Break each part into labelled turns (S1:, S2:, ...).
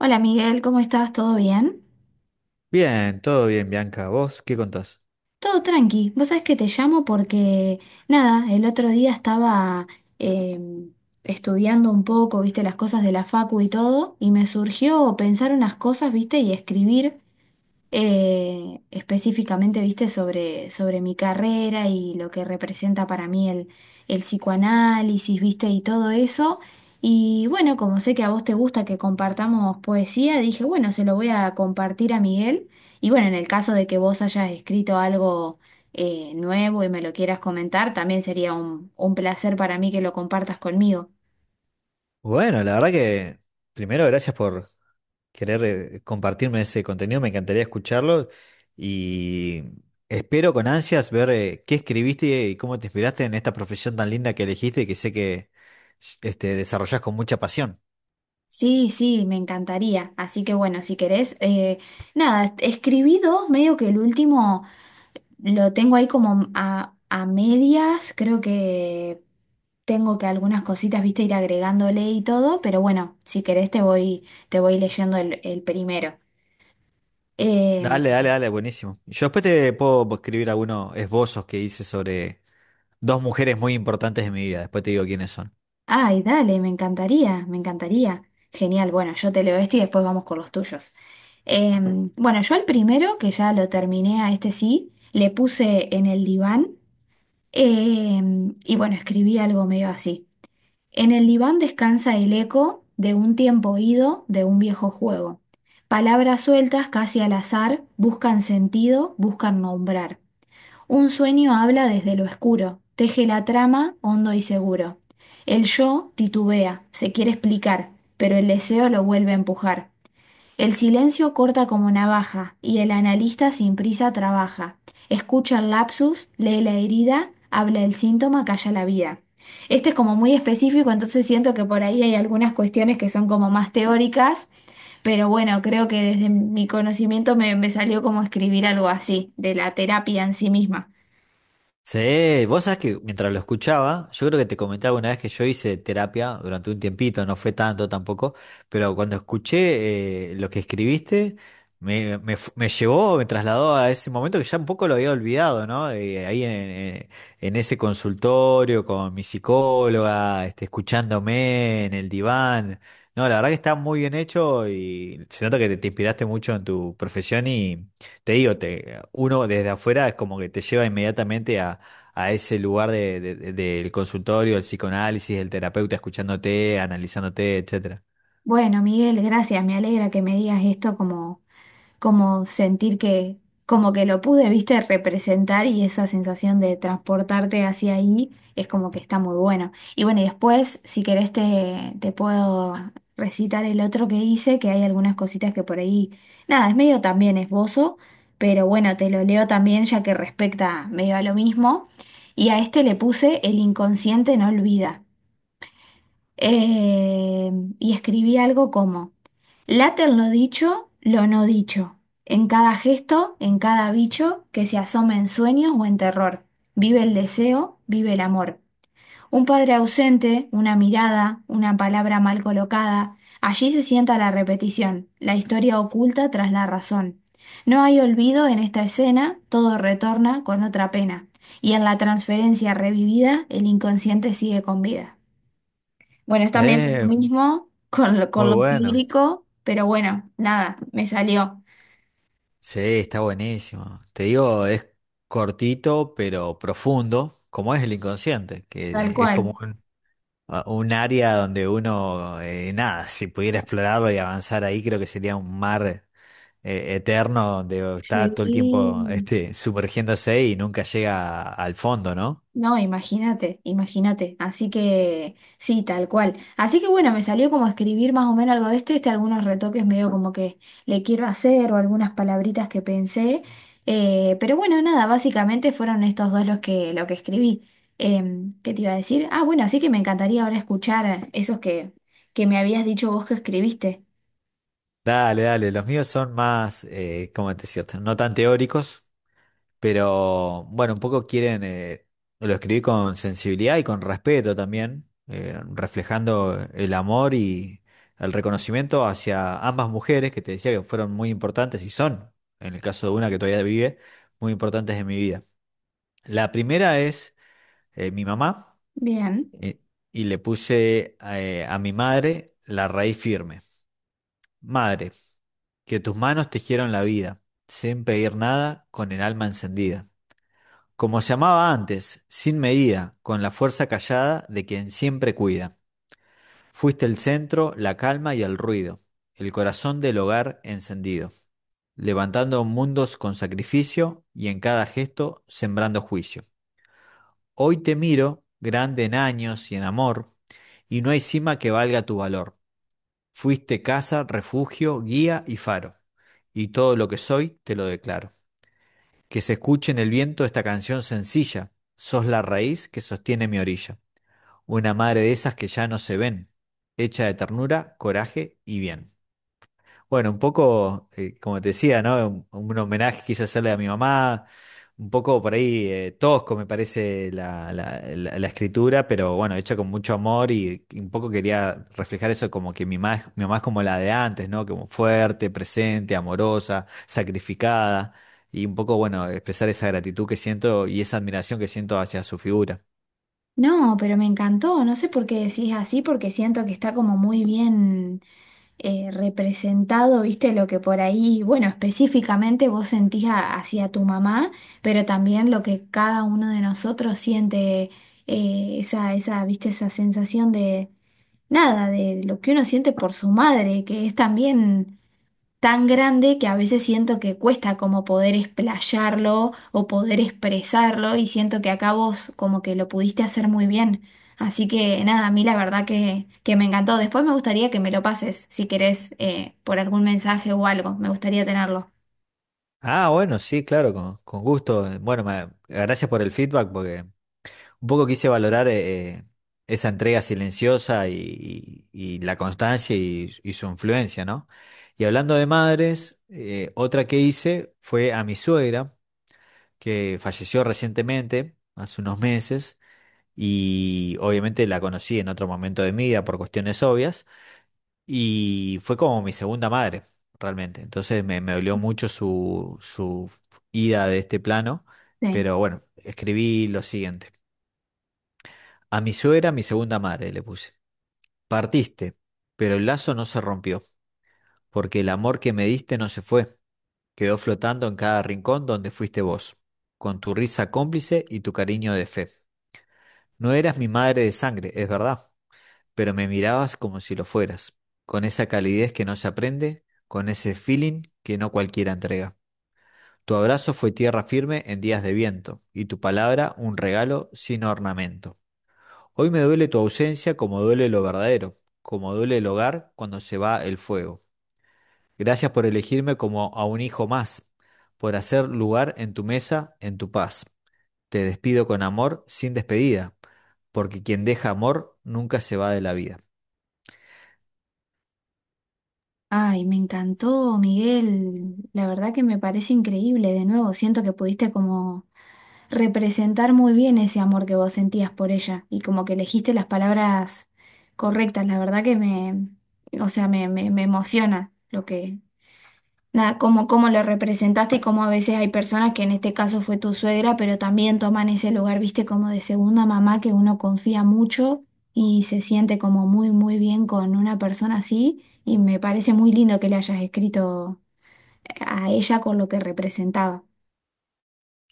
S1: Hola Miguel, ¿cómo estás? ¿Todo bien?
S2: Bien, todo bien, Bianca. ¿Vos qué contás?
S1: Todo tranqui. Vos sabés que te llamo porque, nada, el otro día estaba eh, estudiando un poco, viste, las cosas de la facu y todo, y me surgió pensar unas cosas, viste, y escribir. Específicamente, viste, sobre mi carrera y lo que representa para mí el psicoanálisis, viste, y todo eso. Y bueno, como sé que a vos te gusta que compartamos poesía, dije, bueno, se lo voy a compartir a Miguel. Y bueno, en el caso de que vos hayas escrito algo nuevo y me lo quieras comentar, también sería un placer para mí que lo compartas conmigo.
S2: Bueno, la verdad que primero gracias por querer compartirme ese contenido, me encantaría escucharlo y espero con ansias ver qué escribiste y cómo te inspiraste en esta profesión tan linda que elegiste y que sé que desarrollás con mucha pasión.
S1: Sí, sí, me encantaría. Así que bueno, si querés, nada, escribí dos, medio que el último. Lo tengo ahí como a medias, creo que tengo que algunas cositas, viste, ir agregándole y todo, pero bueno, si querés te voy leyendo el primero. Eh,
S2: Dale, dale, dale, buenísimo. Yo después te puedo escribir algunos esbozos que hice sobre dos mujeres muy importantes de mi vida, después te digo quiénes son.
S1: Ay, dale, me encantaría, me encantaría. Genial, bueno, yo te leo este y después vamos con los tuyos. Eh, bueno, yo el primero, que ya lo terminé a este sí, le puse en el diván. Eh, y bueno, escribí algo medio así. En el diván descansa el eco de un tiempo ido, de un viejo juego. Palabras sueltas, casi al azar, buscan sentido, buscan nombrar. Un sueño habla desde lo oscuro, teje la trama hondo y seguro. El yo titubea, se quiere explicar, pero el deseo lo vuelve a empujar. El silencio corta como navaja y el analista sin prisa trabaja. Escucha el lapsus, lee la herida, habla el síntoma, calla la vida. Este es como muy específico, entonces siento que por ahí hay algunas cuestiones que son como más teóricas, pero bueno, creo que desde mi conocimiento me salió como escribir algo así, de la terapia en sí misma.
S2: Sí, vos sabés que mientras lo escuchaba, yo creo que te comenté alguna vez que yo hice terapia durante un tiempito, no fue tanto tampoco, pero cuando escuché lo que escribiste, me llevó, me trasladó a ese momento que ya un poco lo había olvidado, ¿no? Ahí en ese consultorio con mi psicóloga, escuchándome en el diván. No, la verdad que está muy bien hecho y se nota que te inspiraste mucho en tu profesión y... Te digo, uno desde afuera es como que te lleva inmediatamente a ese lugar del consultorio, del psicoanálisis, del terapeuta escuchándote, analizándote, etcétera.
S1: Bueno, Miguel, gracias, me alegra que me digas esto, como como sentir que, como que lo pude, viste, representar, y esa sensación de transportarte hacia ahí es como que está muy buena. Y bueno, y después, si querés, te puedo recitar el otro que hice, que hay algunas cositas que por ahí, nada, es medio también esbozo, pero bueno, te lo leo también ya que respecta medio a lo mismo. Y a este le puse El inconsciente no olvida. eh, y escribí algo como, late en lo dicho, lo no dicho, en cada gesto, en cada bicho que se asoma en sueños o en terror, vive el deseo, vive el amor. Un padre ausente, una mirada, una palabra mal colocada, allí se sienta la repetición, la historia oculta tras la razón. No hay olvido en esta escena, todo retorna con otra pena, y en la transferencia revivida el inconsciente sigue con vida. Bueno, está medio lo
S2: Eh,
S1: mismo con con
S2: muy
S1: lo
S2: bueno.
S1: lírico, pero bueno, nada, me salió
S2: Sí, está buenísimo. Te digo, es cortito pero profundo, como es el inconsciente,
S1: tal
S2: que es como
S1: cual.
S2: un área donde uno, nada, si pudiera explorarlo y avanzar ahí, creo que sería un mar eterno donde está todo el
S1: Sí.
S2: tiempo sumergiéndose y nunca llega al fondo, ¿no?
S1: No, imagínate, imagínate. Así que sí, tal cual. Así que bueno, me salió como escribir más o menos algo de este, este algunos retoques medio como que le quiero hacer o algunas palabritas que pensé. Pero bueno, nada, básicamente fueron estos dos los que, lo que escribí. ¿Qué te iba a decir? Ah, bueno, así que me encantaría ahora escuchar esos que me habías dicho vos que escribiste.
S2: Dale, dale, los míos son más, ¿cómo te decirte? No tan teóricos, pero bueno, un poco quieren, lo escribí con sensibilidad y con respeto también, reflejando el amor y el reconocimiento hacia ambas mujeres que te decía que fueron muy importantes y son, en el caso de una que todavía vive, muy importantes en mi vida. La primera es mi mamá
S1: Bien.
S2: eh, y le puse a mi madre la raíz firme. Madre, que tus manos tejieron la vida, sin pedir nada, con el alma encendida. Como se amaba antes, sin medida, con la fuerza callada de quien siempre cuida. Fuiste el centro, la calma y el ruido, el corazón del hogar encendido, levantando mundos con sacrificio y en cada gesto sembrando juicio. Hoy te miro, grande en años y en amor, y no hay cima que valga tu valor. Fuiste casa, refugio, guía y faro, y todo lo que soy te lo declaro. Que se escuche en el viento esta canción sencilla, sos la raíz que sostiene mi orilla, una madre de esas que ya no se ven, hecha de ternura, coraje y bien. Bueno, un poco, como te decía, ¿no? Un homenaje quise hacerle a mi mamá, un poco por ahí tosco me parece la escritura, pero bueno, hecha con mucho amor y un poco quería reflejar eso como que mi mamá es como la de antes, ¿no? Como fuerte, presente, amorosa, sacrificada y un poco, bueno, expresar esa gratitud que siento y esa admiración que siento hacia su figura.
S1: No, pero me encantó. No sé por qué decís así, porque siento que está como muy bien representado, viste, lo que por ahí, bueno, específicamente vos sentís a- hacia tu mamá, pero también lo que cada uno de nosotros siente, esa, esa, viste, esa sensación de nada, de lo que uno siente por su madre, que es también tan grande, que a veces siento que cuesta como poder explayarlo o poder expresarlo, y siento que acá vos como que lo pudiste hacer muy bien. Así que nada, a mí la verdad que me encantó. Después me gustaría que me lo pases, si querés, por algún mensaje o algo. Me gustaría tenerlo.
S2: Ah, bueno, sí, claro, con gusto. Bueno, gracias por el feedback porque... Un poco quise valorar esa entrega silenciosa y la constancia y su influencia, ¿no? Y hablando de madres, otra que hice fue a mi suegra, que falleció recientemente, hace unos meses, y obviamente la conocí en otro momento de mi vida por cuestiones obvias, y fue como mi segunda madre, realmente. Entonces me dolió mucho su ida de este plano,
S1: Sí.
S2: pero bueno, escribí lo siguiente. A mi suegra, mi segunda madre, le puse. Partiste, pero el lazo no se rompió, porque el amor que me diste no se fue, quedó flotando en cada rincón donde fuiste vos, con tu risa cómplice y tu cariño de fe. No eras mi madre de sangre, es verdad, pero me mirabas como si lo fueras, con esa calidez que no se aprende, con ese feeling que no cualquiera entrega. Tu abrazo fue tierra firme en días de viento, y tu palabra un regalo sin ornamento. Hoy me duele tu ausencia como duele lo verdadero, como duele el hogar cuando se va el fuego. Gracias por elegirme como a un hijo más, por hacer lugar en tu mesa, en tu paz. Te despido con amor sin despedida, porque quien deja amor nunca se va de la vida.
S1: Ay, me encantó, Miguel. La verdad que me parece increíble. De nuevo, siento que pudiste como representar muy bien ese amor que vos sentías por ella y como que elegiste las palabras correctas. La verdad que me, o sea, me emociona lo que, nada, cómo, cómo lo representaste, y cómo a veces hay personas que en este caso fue tu suegra, pero también toman ese lugar, viste, como de segunda mamá, que uno confía mucho y se siente como muy, muy bien con una persona así. Y me parece muy lindo que le hayas escrito a ella con lo que representaba.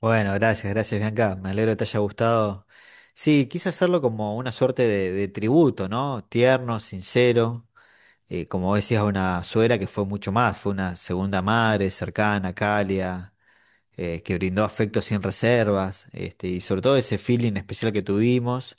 S2: Bueno, gracias, gracias Bianca, me alegro que te haya gustado. Sí, quise hacerlo como una suerte de tributo, ¿no? Tierno, sincero, como decías, a una suegra que fue mucho más, fue una segunda madre cercana, cálida que brindó afecto sin reservas, y sobre todo ese feeling especial que tuvimos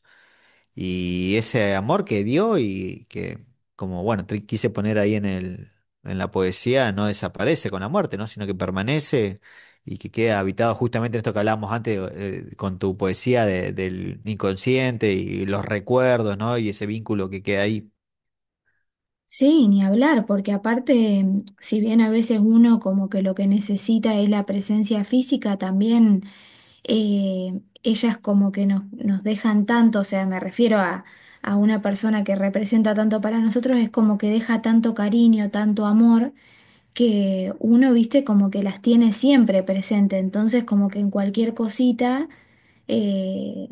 S2: y ese amor que dio y que, como bueno, quise poner ahí en el, en la poesía, no desaparece con la muerte, ¿no? Sino que permanece y que queda habitado justamente en esto que hablábamos antes con tu poesía del inconsciente y los recuerdos, ¿no? Y ese vínculo que queda ahí.
S1: Sí, ni hablar, porque aparte, mm, si bien a veces uno como que lo que necesita es la presencia física, también ellas como que nos dejan tanto, o sea, me refiero a una persona que representa tanto para nosotros, es como que deja tanto cariño, tanto amor, que uno, viste, como que las tiene siempre presente, entonces como que en cualquier cosita... eh,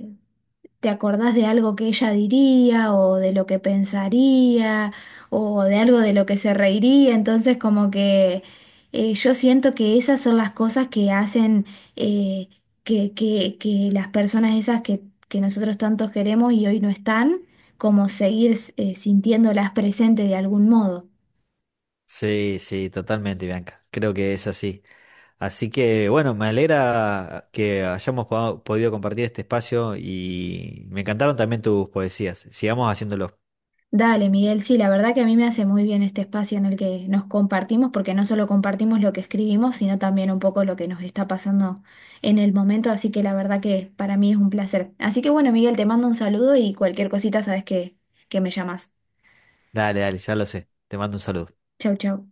S1: ¿Te acordás de algo que ella diría, o de lo que pensaría, o de algo de lo que se reiría? Entonces como que yo siento que esas son las cosas que hacen eh, que las personas esas que nosotros tantos queremos y hoy no están, como seguir sintiéndolas presentes de algún modo.
S2: Sí, sí, totalmente, Bianca. Creo que es así. Así que bueno, me alegra que hayamos podido compartir este espacio y me encantaron también tus poesías. Sigamos haciéndolo.
S1: Dale, Miguel, sí, la verdad que a mí me hace muy bien este espacio en el que nos compartimos, porque no solo compartimos lo que escribimos, sino también un poco lo que nos está pasando en el momento, así que la verdad que para mí es un placer. Así que bueno, Miguel, te mando un saludo y cualquier cosita sabes que me llamas.
S2: Dale, dale, ya lo sé. Te mando un saludo.
S1: Chau, chau.